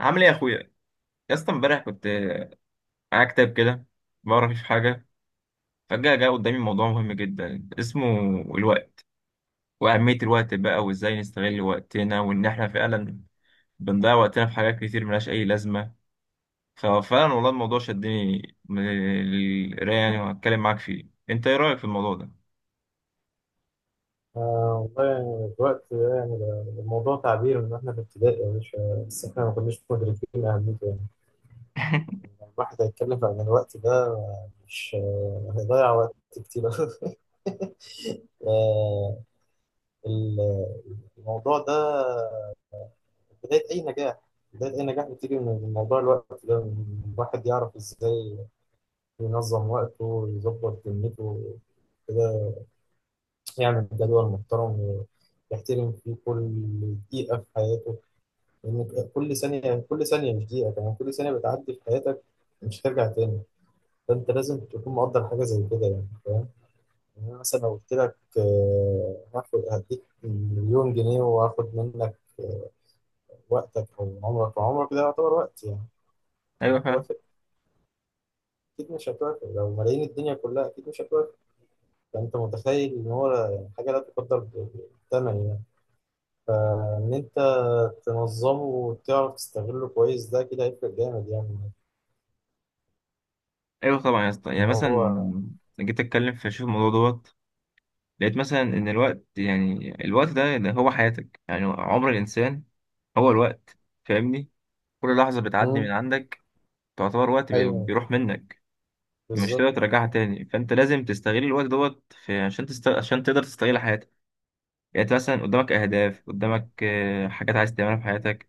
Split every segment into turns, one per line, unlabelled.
عامل ايه يا اخويا؟ يا اسطى، امبارح كنت معايا كتاب كده بقرا فيه في حاجه، فجاه جه قدامي موضوع مهم جدا اسمه الوقت، واهميه الوقت، بقى وازاي نستغل وقتنا وان احنا فعلا بنضيع وقتنا في حاجات كتير ملهاش اي لازمه. ففعلا والله الموضوع شدني من القرايه، يعني وهتكلم معاك فيه. انت ايه رايك في الموضوع ده؟
آه والله. الوقت ده يعني ده الموضوع تعبير من واحنا في ابتدائي يا باشا، بس احنا ما كناش مدركين اهميته يعني. لما الواحد هيتكلم عن الوقت ده، مش هيضيع وقت كتير. آه ال- الموضوع ده بداية أي نجاح بداية أي نجاح بتيجي من موضوع الوقت ده، إن الواحد يعرف إزاي ينظم وقته، يظبط دنيته كده، يعمل جدول محترم يحترم فيه كل دقيقة في حياته. لأن كل ثانية، كل ثانية، مش دقيقة كمان، كل ثانية بتعدي في حياتك مش هترجع تاني. فأنت لازم تكون مقدر حاجة زي كده، يعني فاهم. يعني أنا مثلا لو قلت لك هاخد هديك مليون جنيه وهاخد منك وقتك أو عمرك، وعمرك ده يعتبر وقت يعني.
ايوه، فعلا.
هتوافق؟ أكيد مش هتوافق. لو ملايين الدنيا كلها أكيد مش هتوافق. فأنت متخيل إن هو يعني حاجة لا تقدر بالثمن يعني. فإن أنت تنظمه وتعرف تستغله كويس، ده كده هيفرق جامد يعني.
ايوه طبعا يا اسطى، يعني
إن
مثلا
هو.
جيت اتكلم في شوف الموضوع دوت، لقيت مثلا ان الوقت، يعني الوقت ده اللي هو حياتك، يعني عمر الانسان هو الوقت. فاهمني؟ كل لحظه بتعدي من عندك تعتبر وقت
ايوه
بيروح منك، مش
بالظبط.
تقدر ترجعها تاني. فانت لازم تستغل الوقت دوت في عشان تقدر تستغل حياتك. يعني انت مثلا قدامك اهداف، قدامك حاجات عايز تعملها في حياتك.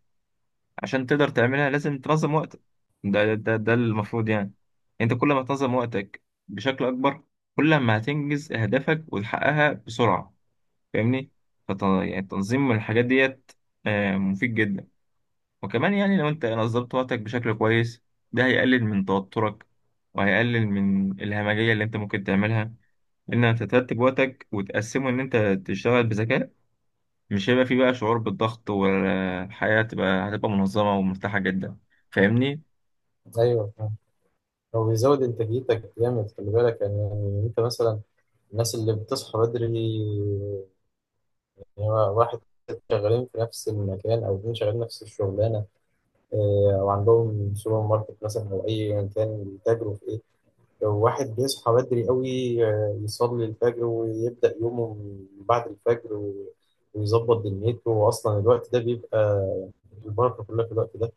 عشان تقدر تعملها لازم تنظم وقتك. ده المفروض، يعني انت كل ما تنظم وقتك بشكل اكبر، كل ما هتنجز اهدافك وتحققها بسرعه. فاهمني؟ يعني تنظيم الحاجات ديت، مفيد جدا. وكمان يعني لو انت نظمت وقتك بشكل كويس، ده هيقلل من توترك وهيقلل من الهمجية اللي انت ممكن تعملها، ان انت ترتب وقتك وتقسمه ان انت تشتغل بذكاء. مش هيبقى فيه بقى شعور بالضغط، والحياة هتبقى منظمة ومرتاحة جدا. فاهمني؟
ايوه فاهم. هو بيزود انتاجيتك جامد، خلي بالك يعني. يعني انت مثلا الناس اللي بتصحى بدري يعني، واحد شغالين في نفس المكان او اتنين شغالين نفس الشغلانه، او عندهم سوبر ماركت مثلا او اي كان بيتاجروا في ايه. لو واحد بيصحى بدري قوي، يصلي الفجر ويبدا يومه من بعد الفجر و- ويظبط دنيته، واصلا الوقت ده بيبقى يعني البركه كلها في الوقت ده.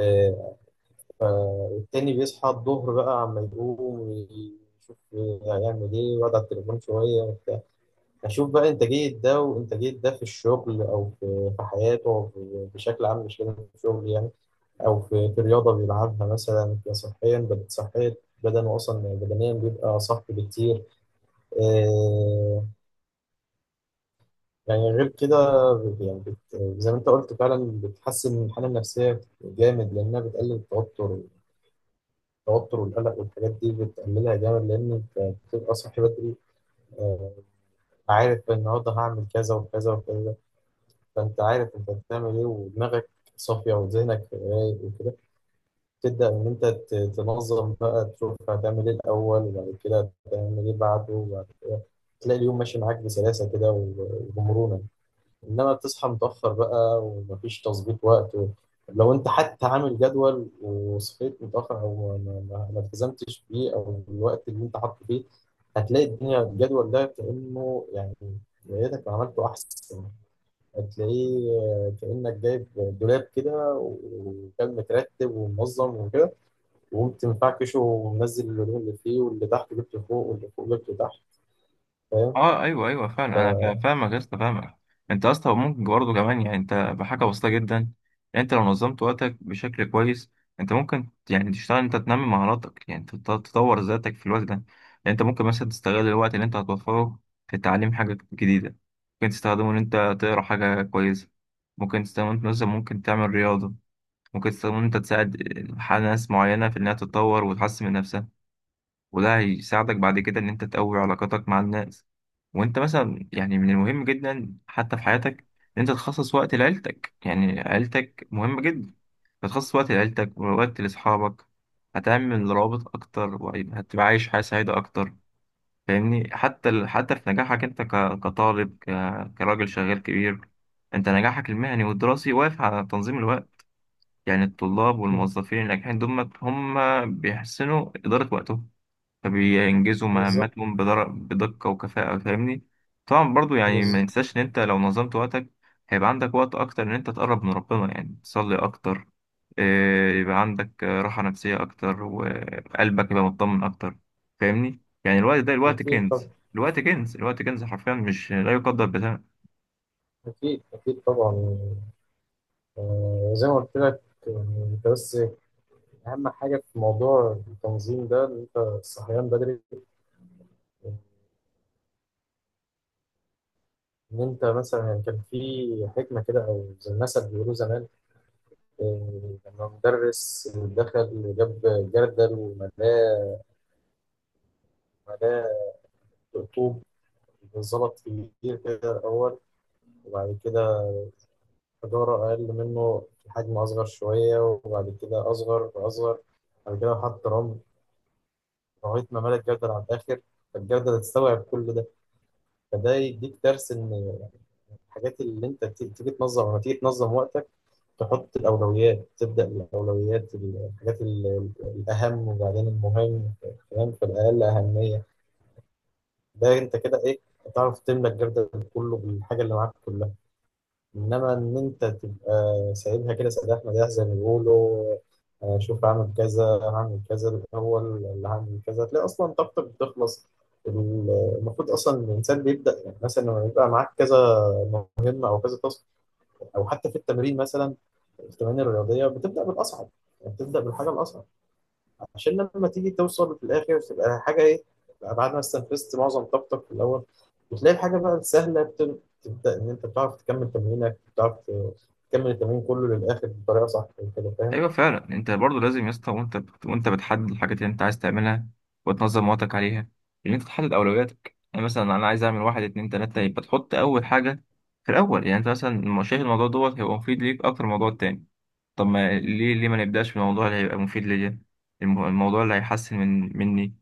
آه، التاني بيصحى الظهر بقى، عما يقوم يشوف هيعمل ايه ويقعد على التليفون شوية وبتاع. أشوف بقى إنتاجية ده وإنتاجية ده في الشغل، أو في حياته، أو في- بشكل عام، مش لازم في الشغل يعني. أو في رياضة بيلعبها مثلا، صحيا بدأت صحيا، بدنه أصلا بدنيا بيبقى صح بكتير. آه، يعني غير كده، يعني زي ما أنت قلت فعلا، بتحسن الحالة النفسية جامد لأنها بتقلل التوتر. التوتر والقلق والحاجات دي بتقللها جامد، لان انت بتبقى صاحي بدري. آه، عارف النهارده هعمل كذا وكذا وكذا، فانت عارف انت بتعمل ايه ودماغك صافيه وذهنك رايق وكده. تبدا ان انت تنظم بقى، تشوف هتعمل ايه الاول وبعد كده هتعمل ايه بعده وبعد كده، تلاقي اليوم ماشي معاك بسلاسه كده و- وبمرونه. انما بتصحى متاخر بقى ومفيش تظبيط وقت، و... لو انت حتى عامل جدول وصحيت متاخر او ما التزمتش بيه او الوقت اللي انت حاطه فيه، هتلاقي الدنيا الجدول ده كانه يعني يا ريتك ما عملته احسن. هتلاقيه كانك جايب دولاب كده وكان مترتب ومنظم وكده، وقمت مفعكشه ومنزل الهدوم اللي فيه، واللي تحت جبته فوق واللي فوق جبته تحت. فاهم.
اه ايوه ايوه، فعلا انا فاهمك يا اسطى، فاهمك. انت يا اسطى ممكن برضه كمان، يعني انت بحاجه بسيطه جدا. يعني انت لو نظمت وقتك بشكل كويس، انت ممكن يعني تشتغل، انت تنمي مهاراتك، يعني تطور ذاتك في الوقت ده. يعني انت ممكن مثلا تستغل الوقت اللي انت هتوفره في تعليم حاجه جديده، ممكن تستخدمه ان انت تقرا حاجه كويسه، ممكن تستخدمه انت مثلا ممكن تعمل رياضه، ممكن تستخدمه ان انت تساعد ناس معينه في انها تتطور وتحسن من نفسها. وده هيساعدك بعد كده إن أنت تقوي علاقاتك مع الناس. وأنت مثلا، يعني من المهم جدا حتى في حياتك إن أنت تخصص وقت لعيلتك، يعني عيلتك مهمة جدا. تخصص وقت لعيلتك، ووقت لأصحابك، هتعمل روابط أكتر، وهتبقى عايش حياة سعيدة أكتر. فاهمني؟ حتى في نجاحك أنت كطالب، كراجل شغال كبير، أنت نجاحك المهني والدراسي واقف على تنظيم الوقت. يعني الطلاب والموظفين الناجحين دول هم بيحسنوا إدارة وقتهم، فبينجزوا
بالظبط.
مهمتهم بدقة وكفاءة. فاهمني؟ طبعا برضو، يعني ما
بالظبط.
ننساش ان انت لو نظمت وقتك، هيبقى عندك وقت اكتر ان انت تقرب من ربنا، يعني تصلي اكتر، يبقى عندك راحة نفسية اكتر، وقلبك يبقى مطمن اكتر. فاهمني؟ يعني الوقت ده الوقت
أكيد
كنز.
طبعا.
الوقت كنز، الوقت كنز حرفيا، مش لا يقدر بثمن.
أكيد أكيد طبعا. زي ما قلت لك يعني. انت بس اهم حاجه في موضوع التنظيم ده ان انت الصحيان بدري. ان انت مثلا يعني كان في حكمه كده او زي المثل بيقولوه زمان، لما مدرس دخل جاب جردل وملاه. ملاه رطوب، ظبط كبير كده الاول، وبعد كده حجاره اقل منه في حجم اصغر شويه، وبعد كده اصغر واصغر، بعد كده حط رمل لغايه ما ملى الجردل على الاخر. فالجردل تستوعب كل ده. فده يديك درس ان الحاجات اللي انت تيجي تنظم، لما تيجي تنظم وقتك، تحط الاولويات، تبدا الاولويات الحاجات الاهم وبعدين المهم، فاهم؟ فالاقل اهميه. ده انت كده ايه، هتعرف تملى الجردل كله بالحاجه اللي معاك كلها. انما ان انت تبقى سايبها كده سداح مداح زي ما بيقولوا، شوف هعمل كذا هعمل كذا الاول اللي هعمل كذا، تلاقي اصلا طاقتك بتخلص. ال- المفروض اصلا الانسان بيبدا يعني، مثلا لما يبقى معاك كذا مهمه او كذا تاسك، او حتى في التمرين مثلا، التمارين الرياضيه بتبدا بالاصعب. يعني بتبدا بالحاجه الاصعب، عشان لما تيجي توصل في الاخر تبقى حاجه ايه، تبقى بعد ما استنفذت معظم طاقتك في الاول. وتلاقي الحاجه بقى السهله تبدا ان انت بتعرف تكمل تمرينك، بتعرف تكمل التمرين كله للاخر بطريقه صح كده، فاهم.
ايوه فعلا. انت برضو لازم يا اسطى، وانت بتحدد الحاجات اللي انت عايز تعملها وتنظم وقتك عليها، ان انت تحدد اولوياتك. يعني مثلا انا عايز اعمل واحد اتنين تلاته، يبقى تحط اول حاجه في الاول. يعني انت مثلا شايف الموضوع دوت هيبقى مفيد ليك اكتر من الموضوع التاني، طب ما ليه ما نبداش بالموضوع اللي هيبقى مفيد ليا؟ الموضوع اللي هيحسن من مني.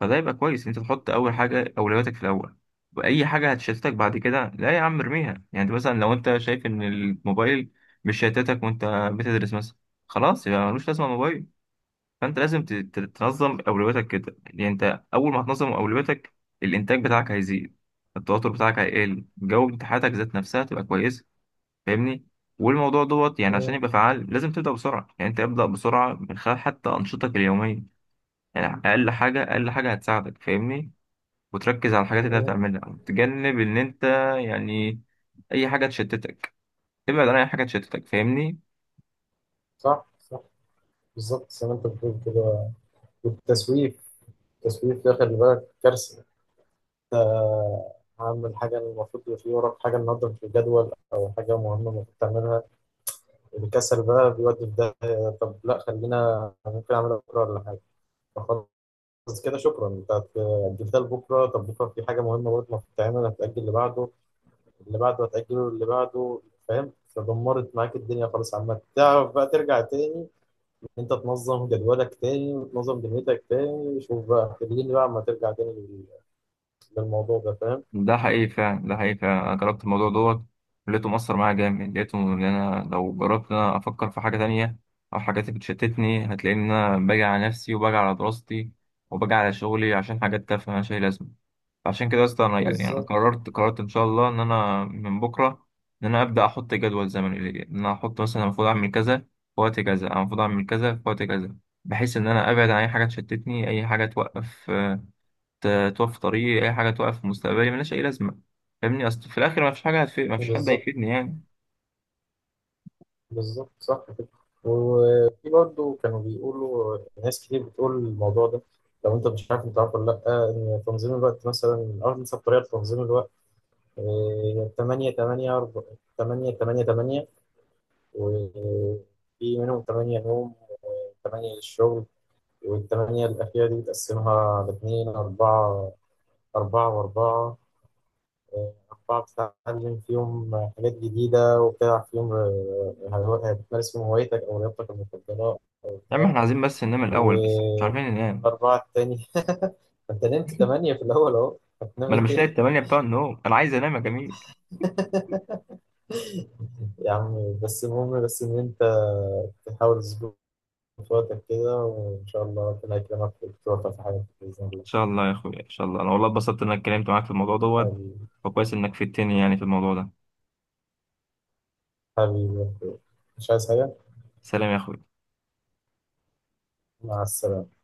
فده يبقى كويس انت تحط اول حاجه اولوياتك في الاول، واي حاجه هتشتتك بعد كده لا يا عم ارميها. يعني مثلا لو انت شايف ان الموبايل مش شتتك وانت بتدرس مثلا، خلاص يبقى ملوش لازمه الموبايل. فانت لازم تنظم اولوياتك كده. يعني انت اول ما تنظم اولوياتك الانتاج بتاعك هيزيد، التوتر بتاعك هيقل، جو امتحاناتك ذات نفسها تبقى كويسه. فاهمني؟ والموضوع دوت، يعني عشان
مم.
يبقى فعال لازم تبدا بسرعه، يعني انت ابدا بسرعه من خلال حتى انشطتك اليوميه. يعني اقل حاجه، اقل حاجه هتساعدك. فاهمني؟ وتركز على الحاجات اللي انت
مم.
بتعملها، وتجنب ان انت، يعني اي حاجه تشتتك، ابعد عن اي حاجه تشتتك. فاهمني؟
صح صح. بالظبط زي ما انت بتقول كده. والتسويف، التسويف ده خلي بالك كارثه. عامل حاجه المفروض يبقى في وراك حاجه النهارده في الجدول، او حاجه مهمه المفروض تعملها، الكسل بقى بيودي في ده. طب لا، خلينا ممكن اعملها بكره ولا حاجه. بس كده شكرا، انت أجلتها لبكره. طب بكره في حاجه مهمه برضه المفروض تعملها، هتأجل اللي بعده، اللي بعده هتأجله اللي بعده، فاهم؟ فدمرت معاك الدنيا خالص. عامة تعرف بقى ترجع تاني، انت تنظم جدولك تاني وتنظم دنيتك تاني. شوف بقى خليني بقى اما ترجع تاني للموضوع ده، فاهم؟
ده حقيقي فعلا، ده حقيقي فعلا، انا جربت الموضوع دوت، لقيته مؤثر معايا جامد، لقيته ان انا لو جربت ان انا افكر في حاجه تانية او حاجات بتشتتني، هتلاقي ان انا باجي على نفسي، وباجي على دراستي، وباجي على شغلي، عشان حاجات تافهه مالهاش اي لازمه. عشان كده يا اسطى انا، يعني انا
بالظبط.
قررت ان شاء الله ان انا من بكره ان انا ابدا احط جدول زمني ليا، ان انا احط مثلا المفروض اعمل كذا في وقت كذا، أنا المفروض اعمل كذا في وقت كذا، بحيث ان انا ابعد عن اي حاجه تشتتني، اي حاجه توقف طريقي، اي حاجه توقف مستقبلي ملهاش اي لازمه. فاهمني؟ اصل في الاخر ما فيش حاجه هتفيد، ما فيش حد
بالظبط.
هيفيدني يعني.
بالظبط صح كده. وفي برضه كانوا بيقولوا، ناس كتير بتقول الموضوع ده. لو انت مش عارف، انت عارف ولا لا، ان تنظيم الوقت مثلا اول بطريقه لتنظيم الوقت، تمانية تمانية أربعة. تمانية تمانية تمانية. وفي منهم تمانية نوم، وتمانية للشغل، والتمانية الأخيرة دي بتقسمها لاتنين أربعة. أربعة وأربعة، أربعة بتتعلم فيهم حاجات جديدة، وبتلعب فيهم بتمارس فيهم هوايتك أو رياضتك المفضلة أو
يا عم
بتاع.
احنا عايزين بس ننام الاول، بس مش
و-
عارفين ننام.
والأربعة التانية أنت نمت تمانية في الأول أهو، هتنام
ما انا
إيه
مش لاقي
تاني؟
التمانية بتوع النوم، انا عايز انام يا جميل.
يا عم بس المهم بس إن أنت تحاول تظبط وقتك كده، وإن شاء الله ربنا يكرمك وتوفق في حياتك بإذن الله.
شاء الله يا اخويا، ان شاء الله. انا والله اتبسطت انك اتكلمت معاك في الموضوع دوت،
حبيبي.
وكويس انك فدتني يعني في الموضوع ده.
حبيبي. مش عايز حاجة.
سلام يا اخويا.
مع السلامة.